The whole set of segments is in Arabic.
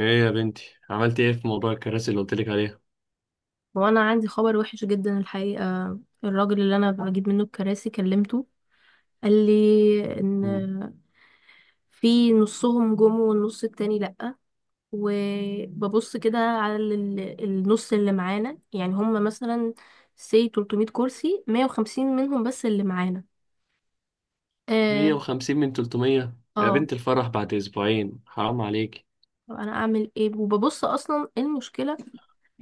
ايه يا بنتي عملت ايه في موضوع الكراسي اللي قلتلك عليها. وانا عندي خبر وحش جدا الحقيقة. الراجل اللي انا بجيب منه الكراسي كلمته، قال لي مم. ان في نصهم جم والنص التاني لأ. وببص كده على النص اللي معانا، يعني هم مثلا سي 300 كرسي، 150 منهم بس اللي معانا. اه، 150 من 300 يا اه. بنت الفرح بعد اسبوعين حرام عليك. طب انا اعمل ايه؟ وببص اصلا إيه المشكلة؟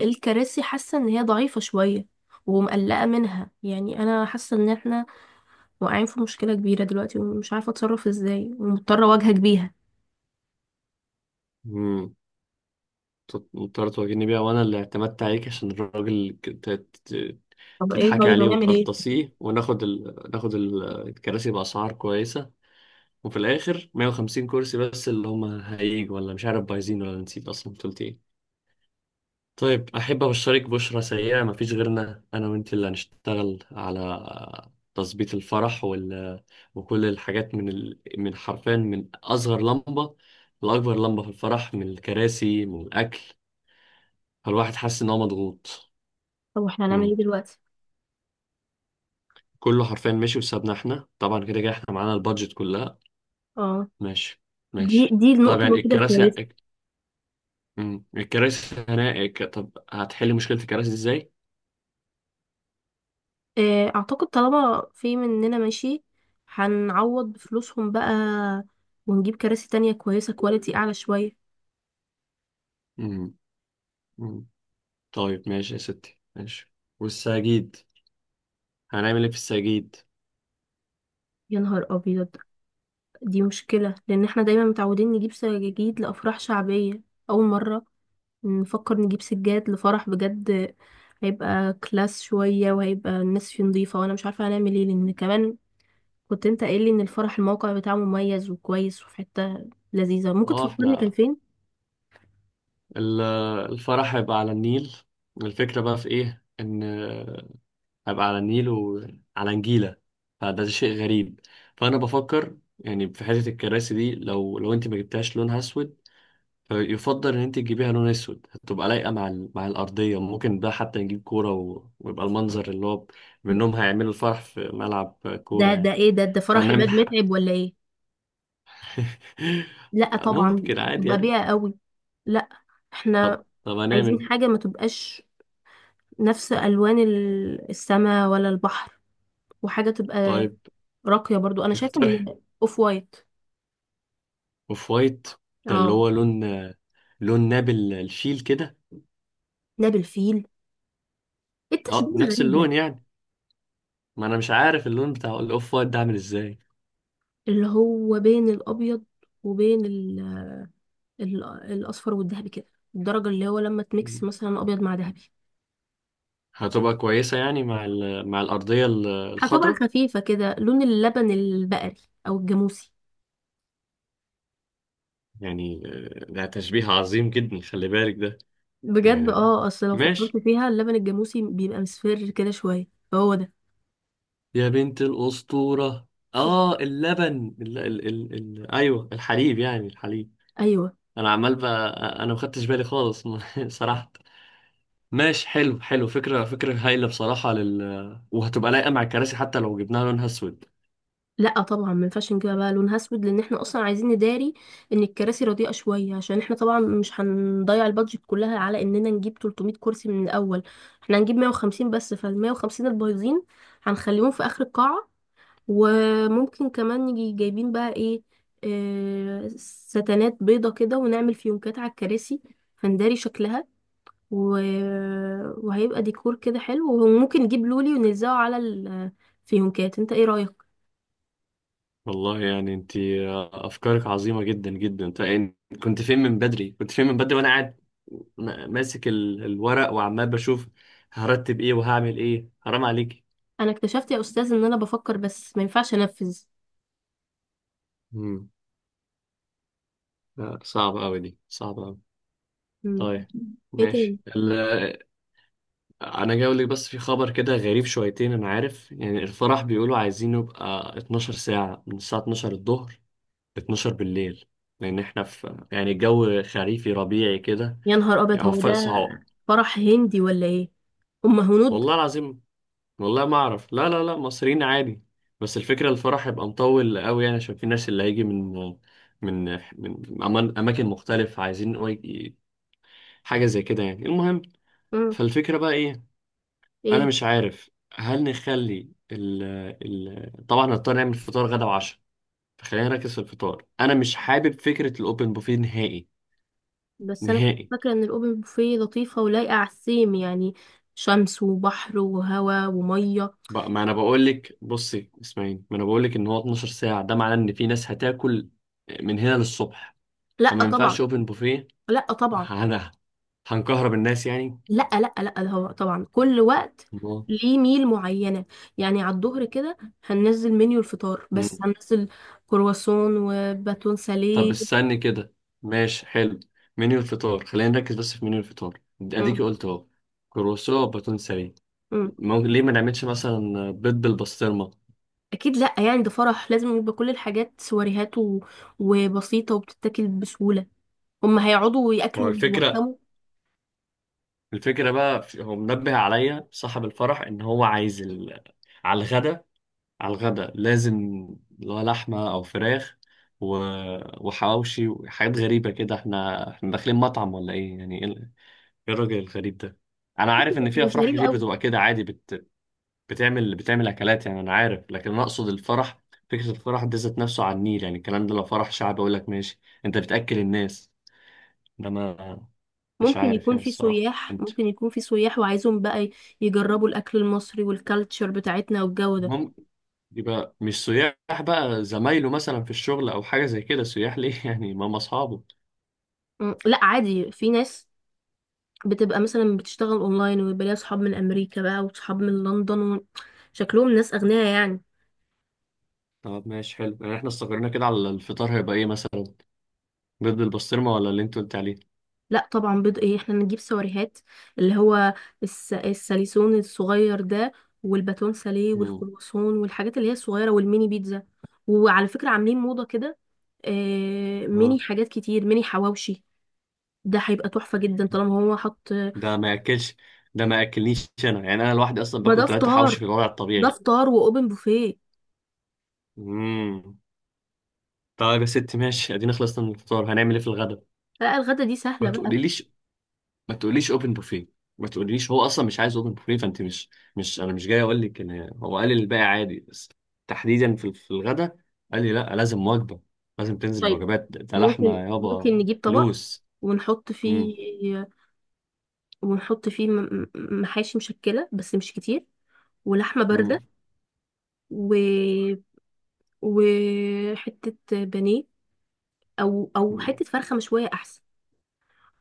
الكراسي حاسة ان هي ضعيفة شوية ومقلقة منها، يعني انا حاسة ان احنا واقعين في مشكلة كبيرة دلوقتي، ومش عارفة اتصرف ازاي، ومضطرة اواجهك بيها. امم مضطر تواجهني بيها وانا اللي اعتمدت عليك عشان الراجل ت- طب ايه؟ تضحكي طيب عليه هنعمل ايه؟ وتقرطسيه وناخد الكراسي باسعار كويسه، وفي الاخر 150 كرسي بس اللي هم هيجوا، ولا مش عارف بايزين، ولا نسيت اصلا قلت إيه؟ طيب أحب أبشرك بشرى سيئة، مفيش غيرنا أنا وأنت اللي هنشتغل على تظبيط الفرح وكل الحاجات من حرفيا من أصغر لمبة لأكبر لمبة في الفرح، من الكراسي، من الأكل، فالواحد حاسس إن هو مضغوط. طب احنا هنعمل مم. ايه دلوقتي؟ كله حرفيا ماشي بسببنا إحنا طبعا، كده كده إحنا معانا البادجت كلها. اه، ماشي دي ماشي. دي طب النقطة يعني الوحيدة الكراسي، الكويسة. الكراسي هنا، طب هتحل مشكلة الكراسي إزاي؟ اعتقد طالما في مننا ماشي، هنعوض بفلوسهم بقى، ونجيب كراسي تانية كويسة كواليتي اعلى شوية. مم. طيب ماشي يا ستي ماشي. والسجيد، هنعمل ايه في السجيد؟ يا نهار ابيض! دي مشكلة، لان احنا دايما متعودين نجيب سجاجيد لافراح شعبية. اول مرة نفكر نجيب سجاد لفرح بجد. هيبقى كلاس شوية، وهيبقى الناس فيه نضيفة، وانا مش عارفة هنعمل ايه، لان كمان كنت انت قايل لي ان الفرح الموقع بتاعه مميز وكويس، وفي حتة لذيذة ممكن اه، تفكرني كان احنا فين. ال- الفرح هيبقى على النيل، الفكرة بقى في ايه، ان هيبقى على النيل وعلى نجيلة، فده شيء غريب. فانا بفكر يعني في حتة الكراسي دي، لو انت ما جبتهاش لونها اسود، فيفضل ان انت تجيبيها لون اسود، هتبقى لايقة مع مع الارضية. ممكن بقى حتى نجيب كورة ويبقى المنظر اللي هو منهم هيعملوا الفرح في ملعب كورة ده يعني، ايه؟ ده فرح عماد فنعمل متعب ولا ايه؟ لا طبعا، ممكن عادي تبقى يعني. بيئة قوي. لا، طب احنا هنعمل عايزين إيه؟ حاجة ما تبقاش نفس الوان السماء ولا البحر، وحاجة تبقى طيب راقية برضو. انا شايفة اقترح ان اوف وايت. اوف وايت. ده اللي اه. هو لون، لون نابل الشيل كده. ده بالفيل. إيه اه، التشبيه نفس الغريب ده؟ اللون يعني، ما انا مش عارف اللون بتاع الاوف وايت ده عامل ازاي. اللي هو بين الابيض وبين الاصفر والذهبي كده. الدرجه اللي هو لما تميكس مثلا ابيض مع ذهبي. هتبقى كويسة يعني مع مع الأرضية هتبقى الخضراء. خفيفه كده، لون اللبن البقري او الجاموسي. يعني آه، ده تشبيه عظيم جدا، خلي بالك ده بجد، يعني. اه، اصل لو فكرت ماشي فيها اللبن الجاموسي بيبقى مصفر كده شويه، فهو ده. يا بنت الأسطورة. اه، اللبن ايوه، الحليب يعني، الحليب. ايوه. انا عمال بقى، انا ما خدتش بالي خالص صراحة. ماشي حلو حلو، فكرة هايلة بصراحة لل، وهتبقى لايقة مع الكراسي حتى لو جبناها لونها اسود. لا طبعا، ما ينفعش نجيبها بقى لونها اسود، لان احنا اصلا عايزين نداري ان الكراسي رديئه شويه. عشان احنا طبعا مش هنضيع البادجت كلها على اننا نجيب 300 كرسي من الاول. احنا هنجيب 150 بس، فال 150 البايظين هنخليهم في اخر القاعه. وممكن كمان نيجي جايبين بقى ايه، آه، ستانات بيضه كده، ونعمل فيونكات على الكراسي فنداري شكلها و... وهيبقى ديكور كده حلو. وممكن نجيب لولي ونلزقه على الفيونكات. انت ايه رايك؟ والله يعني انت افكارك عظيمة جدا جدا. طيب يعني، كنت فين من بدري، وانا قاعد ماسك الورق وعمال بشوف هرتب ايه وهعمل ايه، حرام عليك. انا اكتشفت يا استاذ ان انا بفكر بس ما ينفعش انفذ. مم. لا، صعبة قوي، دي صعبة قوي. مم. طيب ايه تاني؟ ماشي. انا جاي اقول لك بس، في خبر كده غريب شويتين، انا عارف يعني. الفرح بيقولوا عايزين يبقى 12 ساعة، من الساعة 12 الظهر ل 12 بالليل، لان احنا في يعني الجو خريفي ربيعي كده يا نهار ابيض، يعني، هو وفاء ده صعاب. فرح هندي ولا ايه؟ ام هنود؟ والله العظيم، والله ما اعرف. لا لا لا، مصريين عادي، بس الفكرة الفرح هيبقى مطول قوي يعني، عشان في ناس اللي هيجي من من اماكن مختلفة، عايزين ي- حاجة زي كده يعني. المهم، امم فالفكرة بقى ايه، انا ايه؟ مش عارف هل نخلي ال طبعا هنضطر نعمل فطار غدا وعشاء، فخلينا نركز في الفطار. انا مش حابب فكره الاوبن بوفيه نهائي، بس انا كنت نهائي. فاكره ان الاوبن بوفيه لطيفه ولايقه على السيم، يعني شمس وبحر وهواء وميه. بقى ما انا بقول لك، بصي اسمعيني، ما انا بقول لك ان هو 12 ساعه، ده معناه ان في ناس هتاكل من هنا للصبح، لا فما ينفعش طبعا. اوبن بوفيه. لا طبعا. انا هنكهرب الناس يعني. لا، لا، لا، ده هو طبعا كل وقت الله. ليه ميل معينه، يعني على الظهر كده هننزل منيو الفطار، مم. بس هننزل كرواسون وباتون طب ساليه. استني كده، ماشي حلو. منيو الفطار، خلينا نركز بس في منيو الفطار، اديكي مم. قلت اهو كروسو باتون سريع. مم. ممكن ليه ما نعملش مثلا بيض بالبسطرمة؟ اكيد لا، يعني ده فرح، لازم يبقى كل الحاجات سواريهات وبسيطه وبتتاكل بسهوله. هم هيقعدوا ما هو وياكلوا الفكرة، ويوخموا. الفكرة بقى هو منبه عليا صاحب الفرح ان هو عايز على الغدا، على الغدا لازم اللي هو لحمة او فراخ و... وحواوشي وحاجات غريبة كده. احنا داخلين مطعم ولا ايه يعني؟ ايه إيه الراجل الغريب ده؟ انا عارف ان في مش افراح غريبه كتير قوي. بتبقى كده عادي، بتعمل اكلات يعني، انا عارف، لكن انا اقصد الفرح، فكرة الفرح دي ذات نفسه على النيل يعني. الكلام ده لو فرح شعبي اقول لك ماشي، انت بتأكل الناس، انا مش ممكن عارف يكون يعني في الصراحة. سياح انت، ممكن يكون في سياح وعايزهم بقى يجربوا الاكل المصري والكالتشر بتاعتنا والجو ده. ممكن يبقى مش سياح بقى، زمايله مثلا في الشغل او حاجة زي كده، سياح ليه يعني، ما هم اصحابه. لا عادي، في ناس بتبقى مثلا بتشتغل اونلاين، ويبقى ليها صحاب من امريكا بقى، وصحاب من لندن شكلهم ناس اغنياء يعني. طب ماشي حلو، يعني احنا استقرينا كده على الفطار، هيبقى ايه مثلا، بيض بالبسطرمة ولا اللي انت قلت عليه؟ لا طبعا، بيض ايه، احنا نجيب سواريهات، اللي هو الساليسون الصغير ده، والباتون ساليه امم، والكرواسون والحاجات اللي هي الصغيره والميني بيتزا. وعلى فكره عاملين موضه كده. ميني اه. حاجات كتير، ميني حواوشي. ده هيبقى تحفه جدا طالما هو حط. ده ما ياكلش، ده ما ياكلنيش انا يعني، انا لوحدي اصلا ما باكل ده ثلاثة فطار، حوش في الوضع ده الطبيعي. فطار واوبن بوفيه. امم. طيب يا ست ماشي، ادينا خلصنا من الفطار، هنعمل ايه في الغدا؟ لا الغدا دي ما سهله بقى. تقوليليش، ما تقوليش اوبن بوفيه، ما تقوليش، هو اصلا مش عايز اوبن بوفيه. فانت مش، مش، انا مش جاي اقول لك ان هو قال لي الباقي عادي، بس تحديدا في الغدا قال لي لا، لازم وجبه، لازم تنزل طيب، بوجبات. ده ممكن لحمه ممكن يابا، نجيب طبق فلوس. ونحط مم. فيه ونحط فيه محاشي مشكله بس مش كتير، ولحمه بارده، مم. و... وحتة بانيه، أو مم. حتة فرخة مشوية أحسن.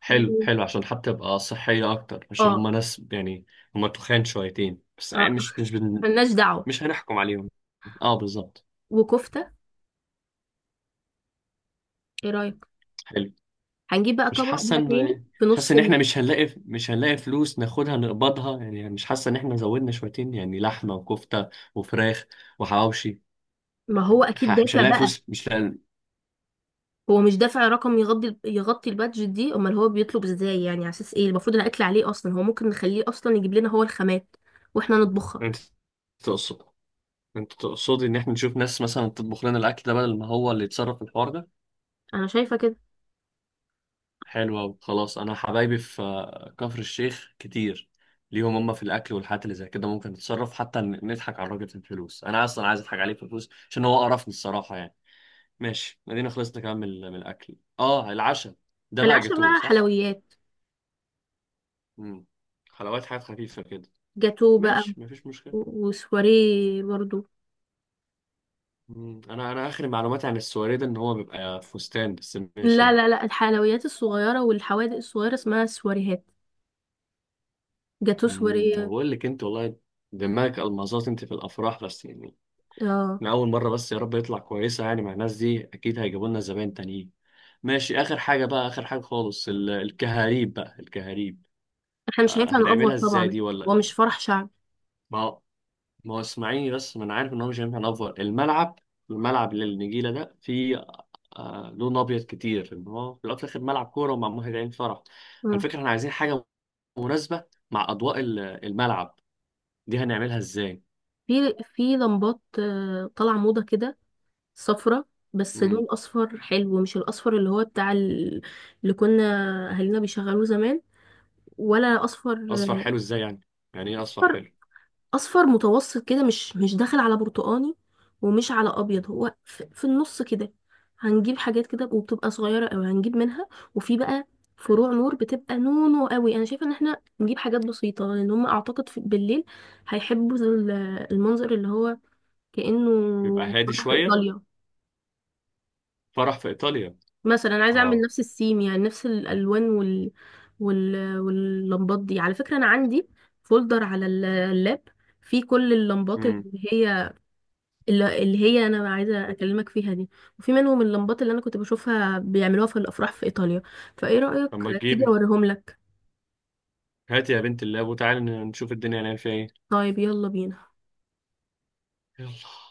حلو و- حلو، عشان حتى تبقى صحيه اكتر، عشان اه. هما ناس يعني، هما تخان شويتين بس اه. يعني، مش بن... ملناش دعوة. مش هنحكم عليهم. اه، بالظبط. وكفتة. ايه رأيك؟ هنجيب بقى مش طبق حاسه بقى ان تاني في مش حاسه نص. ان احنا مش هنلاقي، مش هنلاقي فلوس ناخدها نقبضها يعني. مش حاسه ان احنا زودنا شويتين يعني، لحمه وكفته وفراخ وحواوشي؟ ما هو أكيد مش دافع هنلاقي بقى. فلوس، مش هنلاقي. هو مش دافع رقم يغطي البادجت دي. امال هو بيطلب ازاي؟ يعني على اساس ايه المفروض الاكل عليه اصلا؟ هو ممكن نخليه اصلا يجيب لنا هو الخامات واحنا نطبخها. انت تقصد انت تقصدي ان احنا نشوف ناس مثلا تطبخ لنا الاكل ده بدل ما هو اللي يتصرف في الحوار ده؟ انا شايفه كده. حلو أوي. خلاص، انا حبايبي في آه، كفر الشيخ كتير، ليهم هم في الاكل والحاجات اللي زي كده، ممكن نتصرف، حتى نضحك على الراجل في الفلوس. انا اصلا عايز اضحك عليه في الفلوس عشان هو قرفني الصراحه يعني. ماشي، ادينا خلصنا كمان من الاكل. اه، العشاء ده بقى العشاء جاتوه بقى صح؟ حلويات. امم، حلويات، حاجات خفيفه كده، جاتو بقى. ماشي مفيش مشكله. وسواريه برضو. مم. انا اخر معلوماتي عن السواري ده ان هو بيبقى فستان، بس ماشي لا، يعني. لا، لا، الحلويات الصغيرة والحوادق الصغيرة اسمها سواريهات. جاتو امم، سواريه. انا بقول لك انت والله دماغك المظات انت في الافراح بس يعني. اه. انا اول مره، بس يا رب يطلع كويسه يعني، مع الناس دي اكيد هيجيبوا لنا زباين تانيين. ماشي، اخر حاجه بقى، اخر حاجه خالص، الكهاريب بقى، الكهاريب، احنا مش آه، هينفع نأفور هنعملها ازاي طبعا. دي؟ ولا هو مش فرح شعبي. ما ما هو اسمعيني بس، ما انا عارف ان هو مش هينفع نفور الملعب، الملعب اللي النجيله ده فيه آه لون ابيض كتير، ان هو في الاول وفي الاخر ملعب كوره ومعمول هنا عين فرح. آه. الفكره احنا عايزين حاجه مناسبه مع اضواء الملعب، دي هنعملها ازاي؟ في في لمبات، طالعة موضة كده، صفرة. بس لون امم. أصفر حلو، مش الأصفر اللي هو بتاع اللي كنا أهالينا بيشغلوه زمان. ولا أصفر؟ اصفر حلو آه، ازاي يعني؟ يعني ايه اصفر أصفر، حلو؟ اصفر متوسط كده، مش داخل على برتقاني، ومش على ابيض. هو في النص كده. هنجيب حاجات كده، وبتبقى صغيره قوي هنجيب منها. وفي بقى فروع نور بتبقى نونو قوي. انا شايفه ان احنا نجيب حاجات بسيطه، لان هم اعتقد في بالليل هيحبوا المنظر اللي هو كانه يبقى هادي فرح في شويه، ايطاليا. فرح في ايطاليا. مثلا أنا عايزه اعمل اه. نفس السيم، يعني نفس الالوان واللمبات دي. على فكره انا عندي فولدر على اللاب، فيه كل اللمبات امم. اللي هي اللي هي انا عايزه اكلمك فيها دي. وفي منهم اللمبات اللي انا كنت بشوفها بيعملوها في الافراح في ايطاليا، فايه طب رايك ما تيجي تجيبي، اوريهم لك؟ هاتي يا بنت اللاب وتعالي نشوف الدنيا هنعمل فيها ايه. طيب يلا بينا. يلا.